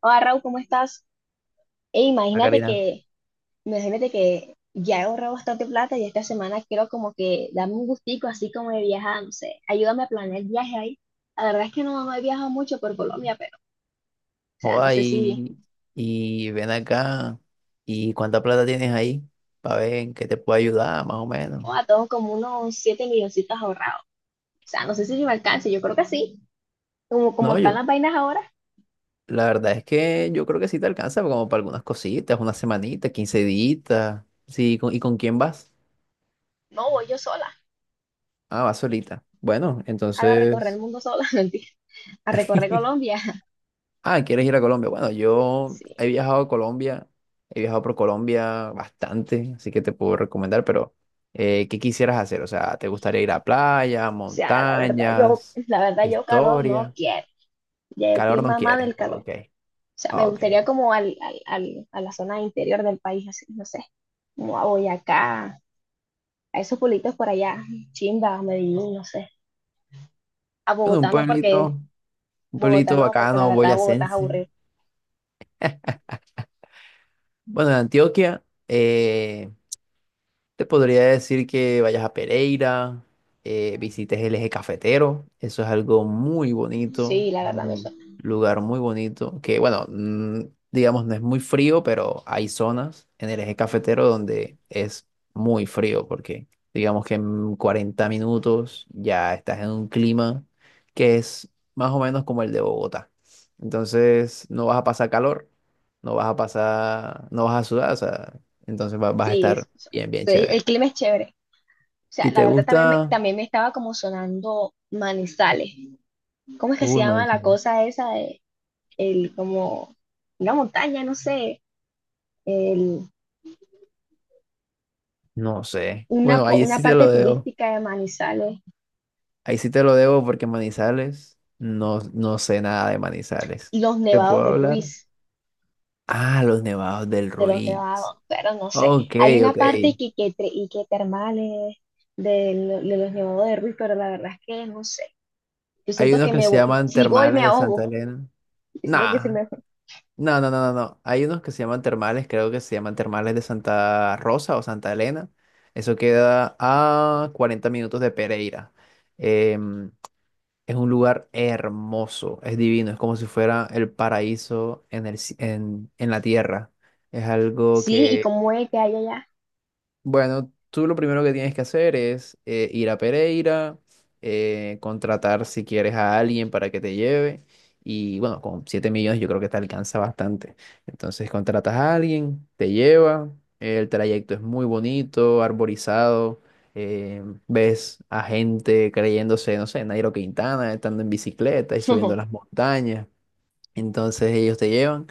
Hola Raúl, ¿cómo estás? Ey, Ah, Karina. Imagínate que ya he ahorrado bastante plata y esta semana quiero como que darme un gustico así como de viajar, no sé, ayúdame a planear el viaje ahí. La verdad es que no he viajado mucho por Colombia, pero, o sea, no Joda, sé si, ven acá. ¿Y cuánta plata tienes ahí? Para ver en qué te puedo ayudar, más o menos. o a tengo como unos 7 milloncitos ahorrados. O sea, no sé si me alcance, yo creo que sí. Como No, están yo, las vainas ahora, la verdad es que yo creo que sí te alcanza como para algunas cositas, una semanita, 15 días. Sí, ¿y con quién vas? no voy yo sola. Ah, vas solita. Bueno, Ahora a recorrer el entonces. mundo sola, mentira, a recorrer Colombia. Ah, ¿quieres ir a Colombia? Bueno, yo Sí, he o viajado a Colombia, he viajado por Colombia bastante, así que te puedo recomendar, pero ¿qué quisieras hacer? O sea, ¿te gustaría ir a playa, sea, montañas, la verdad, yo calor no historia? quiero. Ya estoy ¿Calor no mamá quieres? del calor. O Ok, sea, me ok. gustaría como a la zona interior del país, así, no sé, como a Boyacá, a esos pueblitos por allá, Chimba, Medellín, no sé. A Bueno, un Bogotá pueblito no, porque la bacano, verdad Bogotá es boyacense. aburrido. Bueno, en Antioquia, eh, te podría decir que vayas a Pereira, visites el eje cafetero. Eso es algo muy bonito, Sí, la verdad me un suena. lugar muy bonito, que bueno, digamos no es muy frío, pero hay zonas en el eje cafetero donde es muy frío, porque digamos que en 40 minutos ya estás en un clima que es más o menos como el de Bogotá. Entonces no vas a pasar calor, no vas a pasar, no vas a sudar, o sea, entonces vas a Sí, es- estar bien, bien, sí, el chévere. clima es chévere. O sea, ¿Y la te verdad gusta? también me estaba como sonando Manizales. ¿Cómo es que se Uy, llama la Manizales. cosa esa de el como una montaña, no sé, el, No sé. Bueno, ahí una sí te parte lo debo. turística de Manizales, Ahí sí te lo debo porque Manizales, no, no sé nada de Manizales. los ¿Te nevados puedo de hablar? Ruiz? Ah, los nevados del De los Ruiz. nevados, pero no sé. Ok, Hay una ok. parte que, tre- y que termales de los nevados de Ruiz, pero la verdad es que no sé. Yo Hay siento unos que que se llaman si voy termales me de Santa ahogo. Elena. Yo siento que se Nah, me... no, no, no, no, no. Hay unos que se llaman termales, creo que se llaman termales de Santa Rosa o Santa Elena. Eso queda a 40 minutos de Pereira. Em, Es un lugar hermoso, es divino, es como si fuera el paraíso en en la tierra. Es algo Sí, ¿y que, como es que hay allá? bueno, tú lo primero que tienes que hacer es, ir a Pereira, contratar si quieres a alguien para que te lleve. Y bueno, con 7 millones yo creo que te alcanza bastante. Entonces contratas a alguien, te lleva, el trayecto es muy bonito, arborizado, eh, ves a gente creyéndose, no sé, Nairo Quintana, estando en bicicleta y subiendo las montañas. Entonces ellos te llevan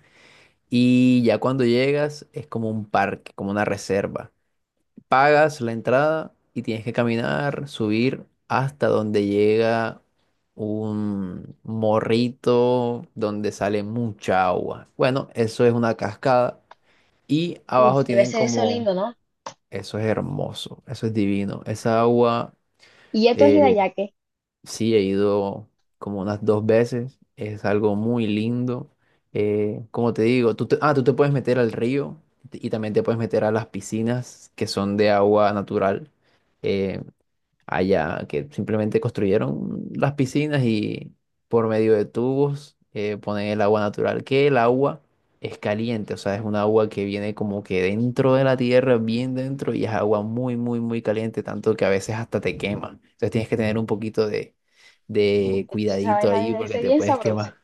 y ya cuando llegas es como un parque, como una reserva. Pagas la entrada y tienes que caminar, subir hasta donde llega un morrito donde sale mucha agua. Bueno, eso es una cascada y Uf, abajo debe tienen ser eso como, lindo, ¿no? eso es hermoso, eso es divino, esa agua... Y esto es eh, Hidayake. sí, he ido como unas dos veces, es algo muy lindo. Como te digo, tú te puedes meter al río y también te puedes meter a las piscinas que son de agua natural. Eh, allá, que simplemente construyeron las piscinas y por medio de tubos, ponen el agua natural, que el agua es caliente, o sea, es un agua que viene como que dentro de la tierra, bien dentro, y es agua muy, muy, muy caliente, tanto que a veces hasta te quema. Entonces tienes que tener un poquito de Esa cuidadito vaina ahí debe porque ser te bien puedes sabrosa. quemar.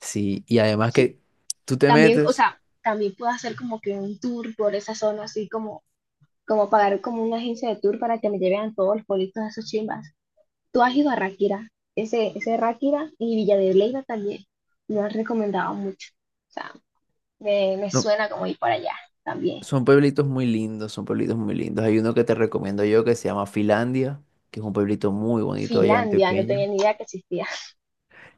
Sí, y además Sí. que tú te También, o metes, sea, también puedo hacer como que un tour por esa zona, así como, como pagar como una agencia de tour para que me lleven a todos los pueblitos de esos chimbas. Tú has ido a Ráquira, ese Ráquira y Villa de Leyva también. Me lo han recomendado mucho. O sea, me no. suena como ir para allá también. Son pueblitos muy lindos, son pueblitos muy lindos. Hay uno que te recomiendo yo que se llama Filandia, que es un pueblito muy bonito allá Finlandia, no tenía antioqueño. ni idea que existía.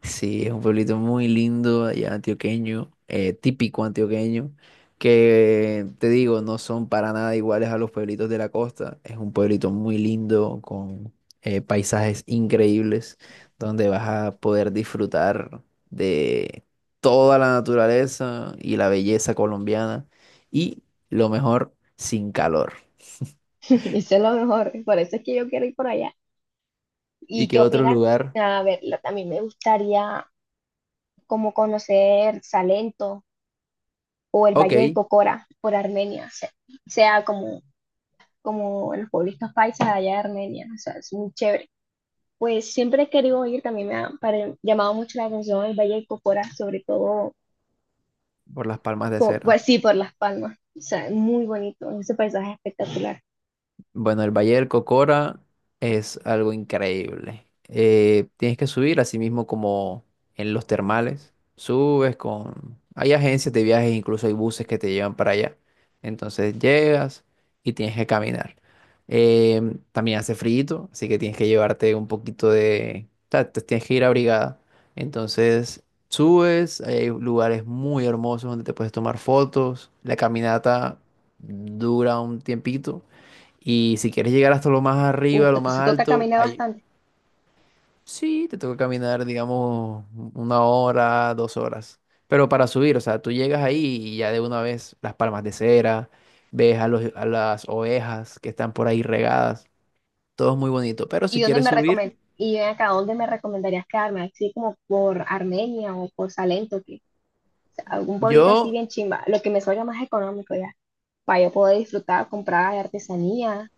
Sí, es un pueblito muy lindo allá antioqueño, típico antioqueño, que te digo, no son para nada iguales a los pueblitos de la costa. Es un pueblito muy lindo, con paisajes increíbles, donde vas a poder disfrutar de toda la naturaleza y la belleza colombiana y lo mejor, sin calor. Eso es lo mejor, por eso es que yo quiero ir por allá. ¿Y ¿Y qué qué otro opinas? lugar? A ver, lo- también me gustaría como conocer Salento o el Ok, Valle de Cocora por Armenia, o sea, sea como, como los pueblitos paisas allá de Armenia, o sea, es muy chévere. Pues siempre he querido ir, también me ha llamado mucho la atención el Valle de Cocora, sobre todo, por las Palmas de Cera. pues sí, por Las Palmas. O sea, es muy bonito, ese paisaje es espectacular. Bueno, el Valle del Cocora es algo increíble. Tienes que subir, así mismo como en los termales. Subes con... hay agencias de viajes, incluso hay buses que te llevan para allá. Entonces llegas y tienes que caminar. También hace frío, así que tienes que llevarte un poquito de... o sea, te tienes que ir abrigada. Entonces subes, hay lugares muy hermosos donde te puedes tomar fotos. La caminata dura un tiempito y si quieres llegar hasta lo más arriba, Uf, lo más entonces toca alto, caminar ahí bastante. sí te toca caminar, digamos, 1 hora, 2 horas. Pero para subir, o sea, tú llegas ahí y ya de una vez las palmas de cera, ves a a las ovejas que están por ahí regadas, todo es muy bonito. Pero si ¿Y dónde quieres me recomend subir, y ven acá, dónde me recomendarías quedarme? Así como por Armenia o por Salento, que o sea, algún pueblito así yo bien chimba, lo que me salga más económico ya, para yo poder disfrutar, comprar artesanía,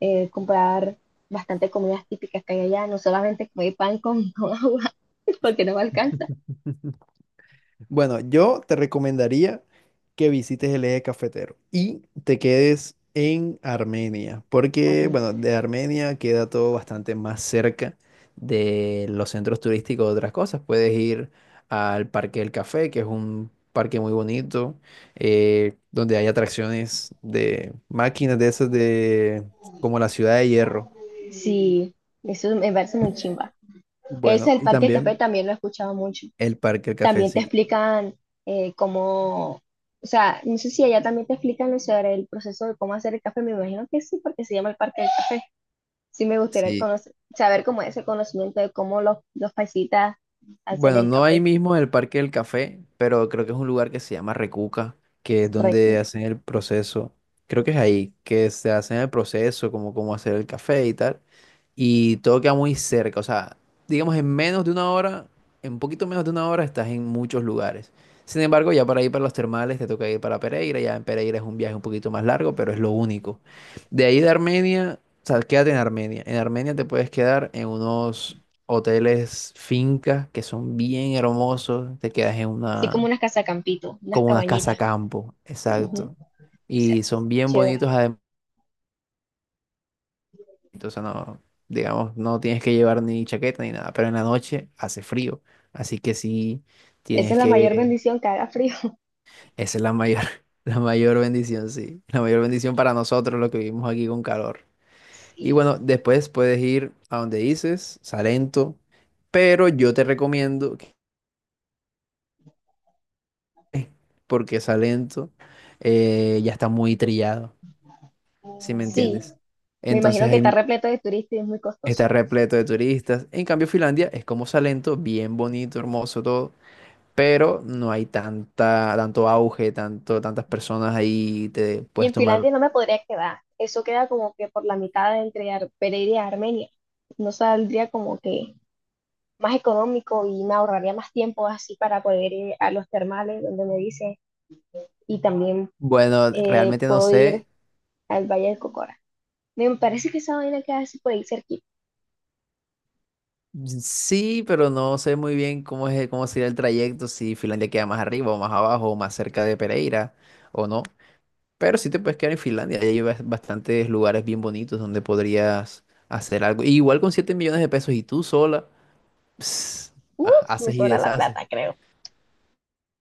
comprar bastante comidas típicas que hay allá, no solamente comer pan con, con agua, porque no me alcanza. bueno, yo te recomendaría que visites el eje cafetero y te quedes en Armenia, porque, bueno, de Armenia queda todo bastante más cerca de los centros turísticos de otras cosas. Puedes ir al Parque del Café, que es un parque muy bonito, donde hay atracciones de máquinas de esas de, como la Ciudad de Hierro. Sí, eso me parece muy chimba. Ese, Bueno, el y Parque Café, también también lo he escuchado mucho. el Parque del Café, También te sí. explican eh, cómo, o sea, no sé si allá también te explican sobre el proceso de cómo hacer el café. Me imagino que sí, porque se llama el Parque del Café. Sí, me gustaría Sí, conocer, saber cómo es ese conocimiento de cómo los paisitas hacen bueno, el no ahí café. mismo en el Parque del Café, pero creo que es un lugar que se llama Recuca, que es Re donde rico. hacen el proceso. Creo que es ahí, que se hacen el proceso, como cómo hacer el café y tal. Y todo queda muy cerca, o sea, digamos en menos de una hora, en un poquito menos de una hora estás en muchos lugares. Sin embargo, ya para ir para los termales te toca ir para Pereira, ya en Pereira es un viaje un poquito más largo, pero es lo único. De ahí de Armenia, o sea, quédate en Armenia. En Armenia te puedes quedar en unos hoteles, fincas que son bien hermosos. Te quedas en Sí, como una, unas casacampitos, unas como una casa cabañitas. campo, Ujú. exacto. O sea, Y son bien chévere. bonitos además. Entonces no, digamos, no tienes que llevar ni chaqueta ni nada, pero en la noche hace frío. Así que sí, Esa es tienes la mayor que... bendición, que haga frío. esa es la mayor, la mayor bendición, sí. La mayor bendición para nosotros los que vivimos aquí con calor. Y Sí, bueno, después puedes ir a donde dices, Salento, pero yo te recomiendo porque esa lento, ya está muy trillado, ¿si me sí. entiendes? Me Entonces imagino que ahí está repleto de turistas y es muy costoso. está repleto de turistas. En cambio, Finlandia es como Salento, bien bonito, hermoso todo, pero no hay tanta, tanto auge, tanto, tantas personas ahí te Y puedes en tomar. Finlandia no me podría quedar. Eso queda como que por la mitad entre Pereira y Armenia. No saldría como que más económico y me ahorraría más tiempo así para poder ir a los termales donde me dice. Y también Bueno, realmente no puedo sé. ir al Valle del Cocora. Me parece que esa vaina queda así por ahí cerquita. Sí, pero no sé muy bien cómo es, cómo sería el trayecto, si Finlandia queda más arriba o más abajo o más cerca de Pereira o no. Pero sí te puedes quedar en Finlandia, ahí hay bastantes lugares bien bonitos donde podrías hacer algo. Y igual con 7 millones de pesos y tú sola, ps, Uh, me haces y sobra la deshaces. plata, creo.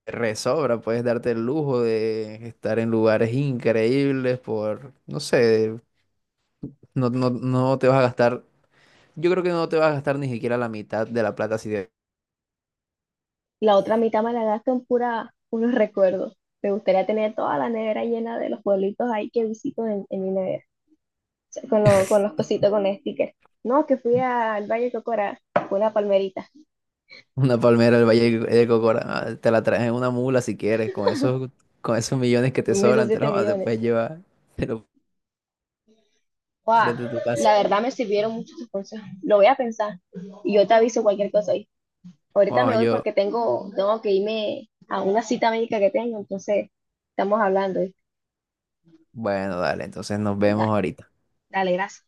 Te resobra, puedes darte el lujo de estar en lugares increíbles por, no sé, no, no, no te vas a gastar, yo creo que no te vas a gastar ni siquiera la mitad de la plata si de La otra mitad me la gasto en pura unos recuerdos. Me gustaría tener toda la nevera llena de los pueblitos ahí que visito en mi nevera. Con los cositos, con el sticker. No, que fui al Valle Cocora con una palmerita, una palmera del Valle de Cocora, ah, te la traes en una mula si quieres, con esos millones que te me hizo sobran, te siete los te millones. puedes llevar, te lo ¡Guau! frente de tu casa. La verdad me sirvieron mucho tus consejos. Lo voy a pensar y yo te aviso cualquier cosa ahí. Ahorita Bueno, me voy yo, porque tengo que irme a una cita médica que tengo, entonces estamos hablando, ¿eh? Bueno, dale, entonces nos vemos Dale, ahorita. dale, gracias.